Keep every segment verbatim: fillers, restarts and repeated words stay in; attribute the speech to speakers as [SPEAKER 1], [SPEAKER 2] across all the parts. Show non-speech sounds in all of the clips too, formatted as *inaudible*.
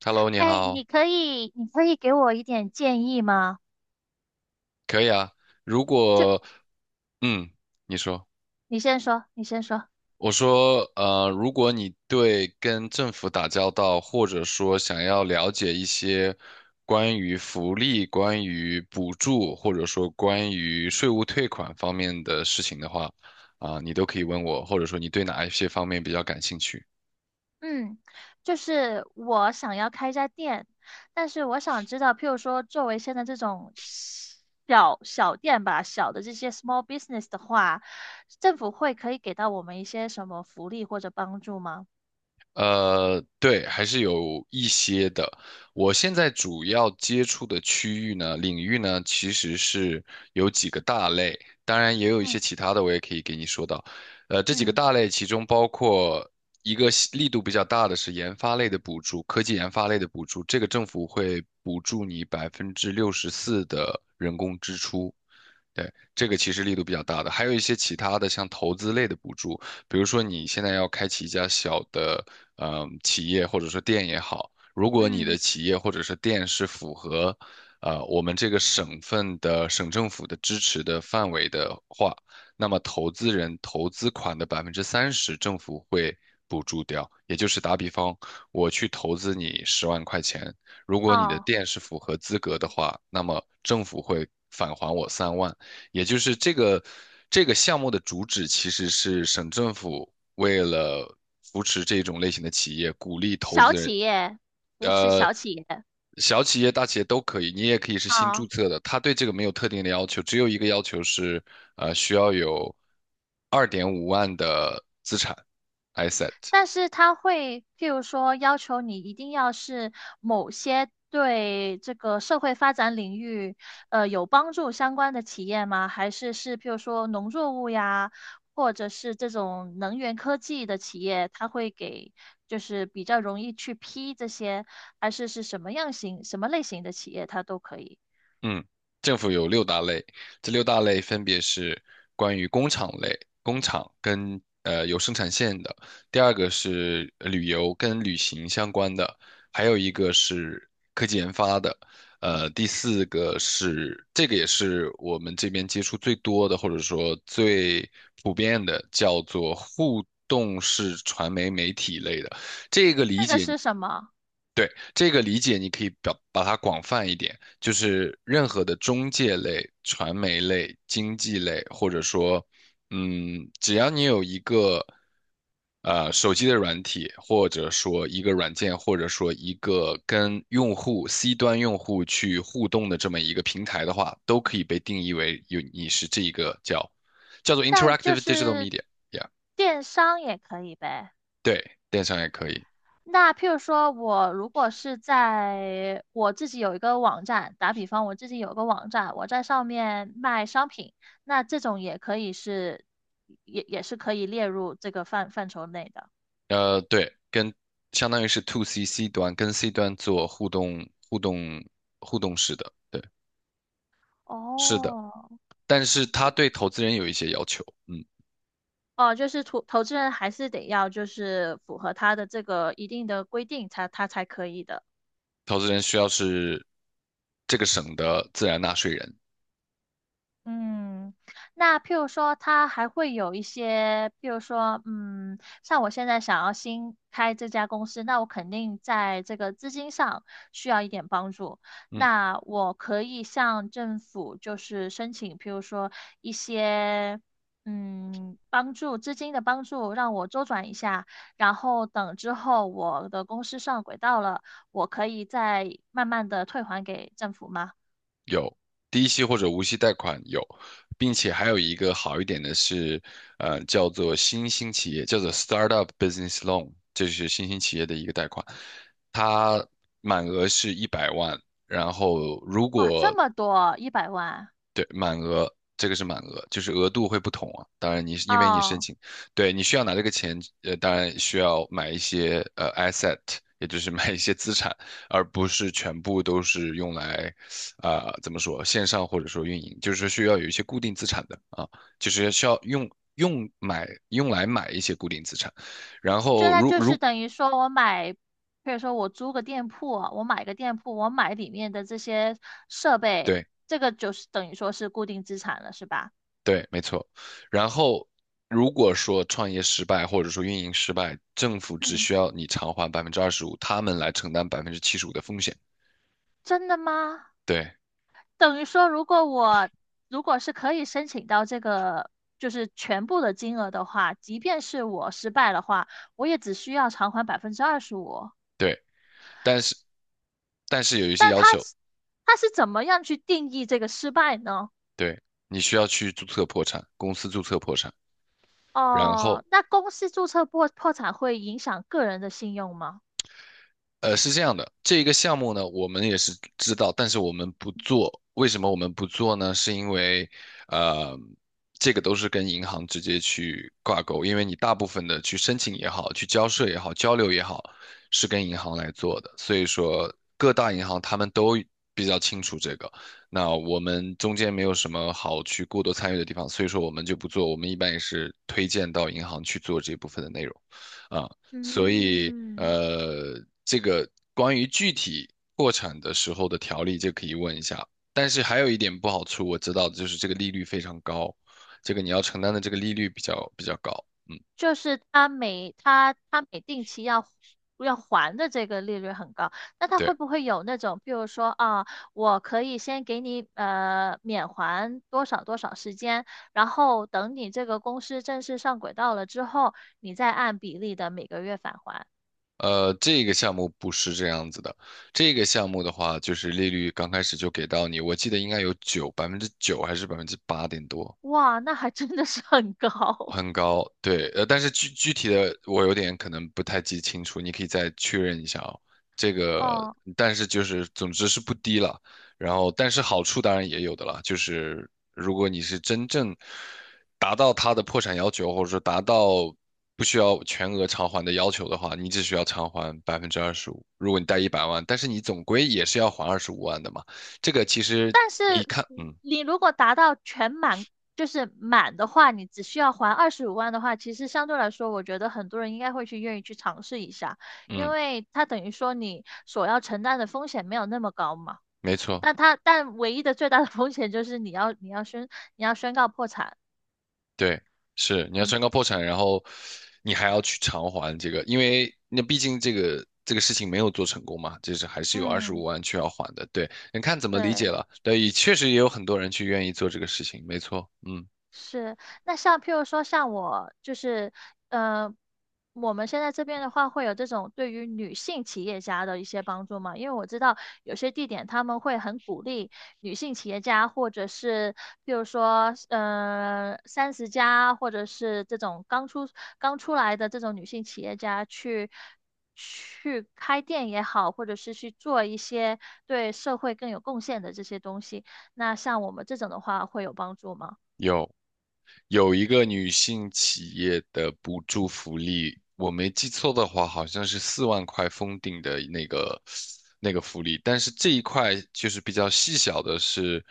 [SPEAKER 1] Hello，你
[SPEAKER 2] 哎，
[SPEAKER 1] 好，
[SPEAKER 2] 你可以，你可以给我一点建议吗？
[SPEAKER 1] 可以啊。如
[SPEAKER 2] 就
[SPEAKER 1] 果，嗯，你说，
[SPEAKER 2] 你先说，你先说。
[SPEAKER 1] 我说，呃，如果你对跟政府打交道，或者说想要了解一些关于福利、关于补助，或者说关于税务退款方面的事情的话，啊、你都可以问我，或者说你对哪一些方面比较感兴趣。
[SPEAKER 2] 嗯，就是我想要开一家店，但是我想知道，譬如说，作为现在这种小小店吧，小的这些 small business 的话，政府会可以给到我们一些什么福利或者帮助吗？
[SPEAKER 1] 呃，对，还是有一些的。我现在主要接触的区域呢，领域呢，其实是有几个大类，当然也有一些
[SPEAKER 2] 嗯
[SPEAKER 1] 其他的，我也可以给你说到。呃，这几个
[SPEAKER 2] 嗯
[SPEAKER 1] 大类，其中包括一个细力度比较大的是研发类的补助，科技研发类的补助，这个政府会补助你百分之六十四的人工支出。对，这个其实力度比较大的，还有一些其他的像投资类的补助，比如说你现在要开启一家小的呃企业或者说店也好，如果你的
[SPEAKER 2] 嗯，
[SPEAKER 1] 企业或者是店是符合呃我们这个省份的省政府的支持的范围的话，那么投资人投资款的百分之三十政府会补助掉，也就是打比方，我去投资你十万块钱，如果你的
[SPEAKER 2] 哦，
[SPEAKER 1] 店是符合资格的话，那么政府会返还我三万。也就是这个这个项目的主旨其实是省政府为了扶持这种类型的企业，鼓励投
[SPEAKER 2] 小
[SPEAKER 1] 资人，
[SPEAKER 2] 企业，扶持
[SPEAKER 1] 呃，
[SPEAKER 2] 小企业。
[SPEAKER 1] 小企业、大企业都可以，你也可以是新注册的，它对这个没有特定的要求，只有一个要求是，呃，需要有二点五万的资产 asset。
[SPEAKER 2] 但是他会，譬如说要求你一定要是某些对这个社会发展领域，呃，有帮助相关的企业吗？还是是譬如说农作物呀，或者是这种能源科技的企业，他会给就是比较容易去批这些，还是是什么样型、什么类型的企业，它都可以。
[SPEAKER 1] 嗯，政府有六大类，这六大类分别是关于工厂类，工厂跟呃有生产线的；第二个是呃旅游跟旅行相关的；还有一个是科技研发的；呃，第四个是这个也是我们这边接触最多的，或者说最普遍的，叫做互动式传媒媒体类的。这个理
[SPEAKER 2] 这个
[SPEAKER 1] 解
[SPEAKER 2] 是什么？
[SPEAKER 1] 对，这个理解，你可以表把它广泛一点，就是任何的中介类、传媒类、经济类，或者说，嗯，只要你有一个呃手机的软体，或者说一个软件，或者说一个跟用户 C 端用户去互动的这么一个平台的话，都可以被定义为有你是这一个叫叫做
[SPEAKER 2] 但就
[SPEAKER 1] interactive digital
[SPEAKER 2] 是
[SPEAKER 1] media，yeah，
[SPEAKER 2] 电商也可以呗。
[SPEAKER 1] 对，电商也可以。
[SPEAKER 2] 那譬如说，我如果是在我自己有一个网站，打比方，我自己有个网站，我在上面卖商品，那这种也可以是，也也是可以列入这个范范畴内的。
[SPEAKER 1] 呃，对，跟相当于是 to C C 端跟 C 端做互动、互动、互动式的，对，是的。
[SPEAKER 2] 哦，
[SPEAKER 1] 但是他对投资人有一些要求，嗯，
[SPEAKER 2] 哦，就是投投资人还是得要就是符合他的这个一定的规定才他才可以的。
[SPEAKER 1] 投资人需要是这个省的自然纳税人，
[SPEAKER 2] 嗯，那譬如说，它还会有一些，譬如说，嗯，像我现在想要新开这家公司，那我肯定在这个资金上需要一点帮助。
[SPEAKER 1] 嗯，
[SPEAKER 2] 那我可以向政府就是申请，譬如说一些，嗯，帮助资金的帮助，让我周转一下，然后等之后我的公司上轨道了，我可以再慢慢的退还给政府吗？
[SPEAKER 1] 有低息或者无息贷款有，并且还有一个好一点的是，呃，叫做新兴企业，叫做 startup business loan，这是新兴企业的一个贷款，它满额是一百万。然后，如
[SPEAKER 2] 哇，
[SPEAKER 1] 果
[SPEAKER 2] 这么多，一百万。
[SPEAKER 1] 对，满额，这个是满额，就是额度会不同啊。当然你，是因为你申
[SPEAKER 2] 哦，
[SPEAKER 1] 请，对，你需要拿这个钱，呃，当然需要买一些呃 asset，也就是买一些资产，而不是全部都是用来，啊、怎么说，线上或者说运营，就是需要有一些固定资产的啊，就是需要用用买用来买一些固定资产，然
[SPEAKER 2] 就
[SPEAKER 1] 后
[SPEAKER 2] 那
[SPEAKER 1] 如
[SPEAKER 2] 就是
[SPEAKER 1] 如。
[SPEAKER 2] 等于说我买，比如说我租个店铺啊我买个店铺，我买里面的这些设备，
[SPEAKER 1] 对，
[SPEAKER 2] 这个就是等于说是固定资产了，是吧？
[SPEAKER 1] 对，没错。然后，如果说创业失败或者说运营失败，政府只
[SPEAKER 2] 嗯，
[SPEAKER 1] 需要你偿还百分之二十五，他们来承担百分之七十五的风险。
[SPEAKER 2] 真的吗？
[SPEAKER 1] 对
[SPEAKER 2] 等于说如果我如果是可以申请到这个就是全部的金额的话，即便是我失败的话，我也只需要偿还百分之二十五。
[SPEAKER 1] 对，但是但是有一些
[SPEAKER 2] 但
[SPEAKER 1] 要
[SPEAKER 2] 他
[SPEAKER 1] 求，
[SPEAKER 2] 他是怎么样去定义这个失败呢？
[SPEAKER 1] 对，你需要去注册破产，公司注册破产，然后
[SPEAKER 2] 哦，那公司注册破破产会影响个人的信用吗？
[SPEAKER 1] 呃，是这样的，这个项目呢，我们也是知道，但是我们不做。为什么我们不做呢？是因为，呃，这个都是跟银行直接去挂钩，因为你大部分的去申请也好，去交税也好，交流也好，是跟银行来做的。所以说，各大银行他们都比较清楚这个。那我们中间没有什么好去过多参与的地方，所以说我们就不做。我们一般也是推荐到银行去做这部分的内容，啊、所以
[SPEAKER 2] 嗯，
[SPEAKER 1] 呃，这个关于具体破产的时候的条例，就可以问一下。但是还有一点不好处，我知道的就是这个利率非常高，这个你要承担的这个利率比较比较高。
[SPEAKER 2] 就是他每他他每定期要要还的这个利率很高，那他会
[SPEAKER 1] 对，
[SPEAKER 2] 不会有那种，比如说啊，我可以先给你呃免还多少多少时间，然后等你这个公司正式上轨道了之后，你再按比例的每个月返还。
[SPEAKER 1] 呃，这个项目不是这样子的，这个项目的话，就是利率刚开始就给到你，我记得应该有九百分之九还是百分之八点多，
[SPEAKER 2] 哇，那还真的是很高
[SPEAKER 1] 很高，对，呃，但是具具体的我有点可能不太记清楚，你可以再确认一下哦。这
[SPEAKER 2] *laughs*
[SPEAKER 1] 个，
[SPEAKER 2] 哦。
[SPEAKER 1] 但是就是总之是不低了，然后但是好处当然也有的啦，就是如果你是真正达到它的破产要求，或者说达到不需要全额偿还的要求的话，你只需要偿还百分之二十五。如果你贷一百万，但是你总归也是要还二十五万的嘛，这个其实你看，嗯
[SPEAKER 2] 你如果达到全满，就是满的话，你只需要还二十五万的话，其实相对来说，我觉得很多人应该会去愿意去尝试一下，因
[SPEAKER 1] 嗯，
[SPEAKER 2] 为它等于说你所要承担的风险没有那么高嘛。
[SPEAKER 1] 没错。
[SPEAKER 2] 但它但唯一的最大的风险就是你要你要宣你要宣告破产。
[SPEAKER 1] 对，是你要
[SPEAKER 2] 嗯，
[SPEAKER 1] 宣告破产，然后你还要去偿还这个，因为那毕竟这个这个事情没有做成功嘛，就是还是有二十五
[SPEAKER 2] 嗯，
[SPEAKER 1] 万去要还的。对，你看怎么理解
[SPEAKER 2] 对。
[SPEAKER 1] 了？对，也确实也有很多人去愿意做这个事情，没错，嗯，
[SPEAKER 2] 是，那像譬如说，像我就是，呃，我们现在这边的话，会有这种对于女性企业家的一些帮助吗？因为我知道有些地点他们会很鼓励女性企业家，或者是譬如说，呃，三十加，或者是这种刚出刚出来的这种女性企业家去去开店也好，或者是去做一些对社会更有贡献的这些东西。那像我们这种的话，会有帮助吗？
[SPEAKER 1] 有。有一个女性企业的补助福利，我没记错的话，好像是四万块封顶的那个那个福利。但是这一块就是比较细小的是，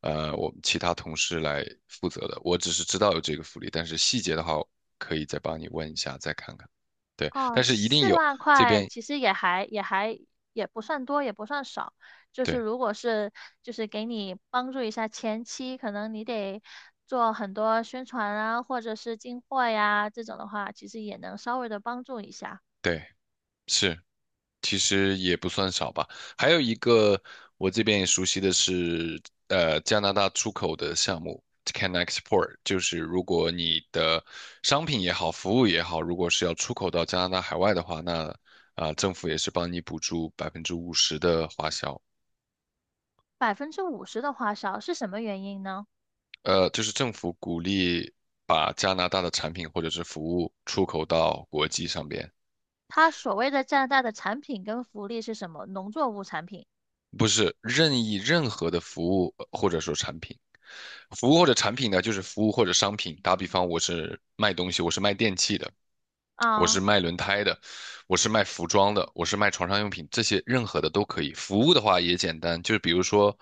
[SPEAKER 1] 呃，我们其他同事来负责的。我只是知道有这个福利，但是细节的话，可以再帮你问一下，再看看。对，
[SPEAKER 2] 哦，
[SPEAKER 1] 但是一定
[SPEAKER 2] 四
[SPEAKER 1] 有
[SPEAKER 2] 万
[SPEAKER 1] 这
[SPEAKER 2] 块
[SPEAKER 1] 边，
[SPEAKER 2] 其实也还也还也不算多，也不算少。就是
[SPEAKER 1] 对
[SPEAKER 2] 如果是就是给你帮助一下前期，可能你得做很多宣传啊，或者是进货呀这种的话，其实也能稍微的帮助一下。
[SPEAKER 1] 对是。其实也不算少吧。还有一个我这边也熟悉的是，呃，加拿大出口的项目 Can Export，就是如果你的商品也好，服务也好，如果是要出口到加拿大海外的话，那啊、政府也是帮你补助百分之五十的花销。
[SPEAKER 2] 百分之五十的花销是什么原因呢？
[SPEAKER 1] 呃，就是政府鼓励把加拿大的产品或者是服务出口到国际上边。
[SPEAKER 2] 它所谓的加拿大的产品跟福利是什么？农作物产品
[SPEAKER 1] 不是任意任何的服务呃或者说产品，服务或者产品呢，就是服务或者商品。打比方，我是卖东西，我是卖电器的，我是
[SPEAKER 2] 啊，
[SPEAKER 1] 卖轮胎的，我是卖服装的，我是卖床上用品，这些任何的都可以。服务的话也简单，就是比如说，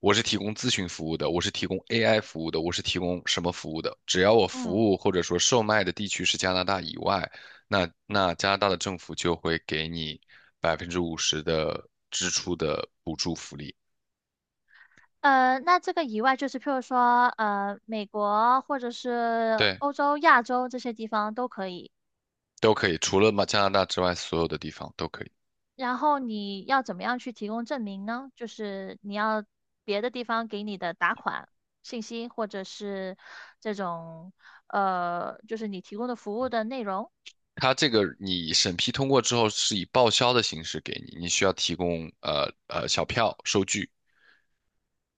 [SPEAKER 1] 我是提供咨询服务的，我是提供 A I 服务的，我是提供什么服务的，只要我服
[SPEAKER 2] 嗯。
[SPEAKER 1] 务或者说售卖的地区是加拿大以外，那那加拿大的政府就会给你百分之五十的支出的补助福利，
[SPEAKER 2] 呃，那这个以外，就是譬如说，呃，美国或者是
[SPEAKER 1] 对，
[SPEAKER 2] 欧洲、亚洲这些地方都可以。
[SPEAKER 1] 都可以，除了嘛加拿大之外，所有的地方都可以。
[SPEAKER 2] 然后你要怎么样去提供证明呢？就是你要别的地方给你的打款信息，或者是这种呃，就是你提供的服务的内容。
[SPEAKER 1] 它这个你审批通过之后是以报销的形式给你，你需要提供呃呃小票收据，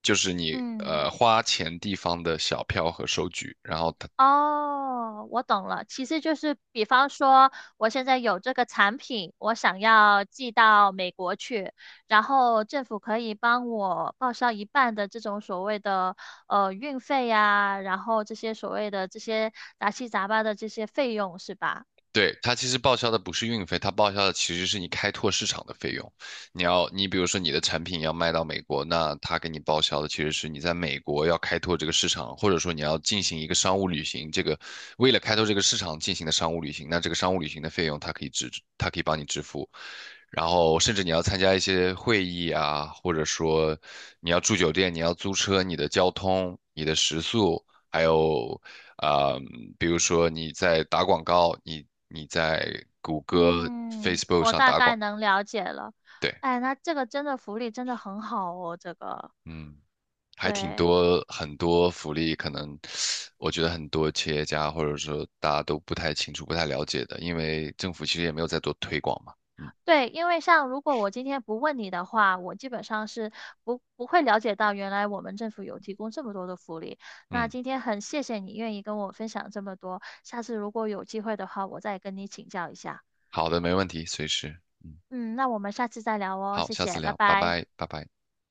[SPEAKER 1] 就是你呃
[SPEAKER 2] 嗯。
[SPEAKER 1] 花钱地方的小票和收据，然后它
[SPEAKER 2] 哦，我懂了。其实就是，比方说，我现在有这个产品，我想要寄到美国去，然后政府可以帮我报销一半的这种所谓的呃运费呀，然后这些所谓的这些杂七杂八的这些费用，是吧？
[SPEAKER 1] 对，它其实报销的不是运费，它报销的其实是你开拓市场的费用。你要，你比如说你的产品要卖到美国，那它给你报销的其实是你在美国要开拓这个市场，或者说你要进行一个商务旅行，这个为了开拓这个市场进行的商务旅行，那这个商务旅行的费用它可以支，它可以帮你支付。然后甚至你要参加一些会议啊，或者说你要住酒店，你要租车，你的交通、你的食宿，还有啊、呃比如说你在打广告，你你在谷歌、
[SPEAKER 2] 嗯，
[SPEAKER 1] Facebook
[SPEAKER 2] 我
[SPEAKER 1] 上
[SPEAKER 2] 大
[SPEAKER 1] 打广
[SPEAKER 2] 概
[SPEAKER 1] 告
[SPEAKER 2] 能了解了。
[SPEAKER 1] 对，
[SPEAKER 2] 哎，那这个真的福利真的很好哦，这个，
[SPEAKER 1] 嗯，还挺
[SPEAKER 2] 对。
[SPEAKER 1] 多很多福利，可能我觉得很多企业家或者说大家都不太清楚、不太了解的，因为政府其实也没有在做推广嘛，嗯
[SPEAKER 2] 对，因为像如果我今天不问你的话，我基本上是不不会了解到原来我们政府有提供这么多的福利。那
[SPEAKER 1] 嗯，
[SPEAKER 2] 今天很谢谢你愿意跟我分享这么多，下次如果有机会的话，我再跟你请教一下。
[SPEAKER 1] 好的，没问题，随时，
[SPEAKER 2] 嗯，那我们下次再聊哦，
[SPEAKER 1] 好，
[SPEAKER 2] 谢
[SPEAKER 1] 下次
[SPEAKER 2] 谢，拜
[SPEAKER 1] 聊，拜
[SPEAKER 2] 拜。
[SPEAKER 1] 拜，拜拜。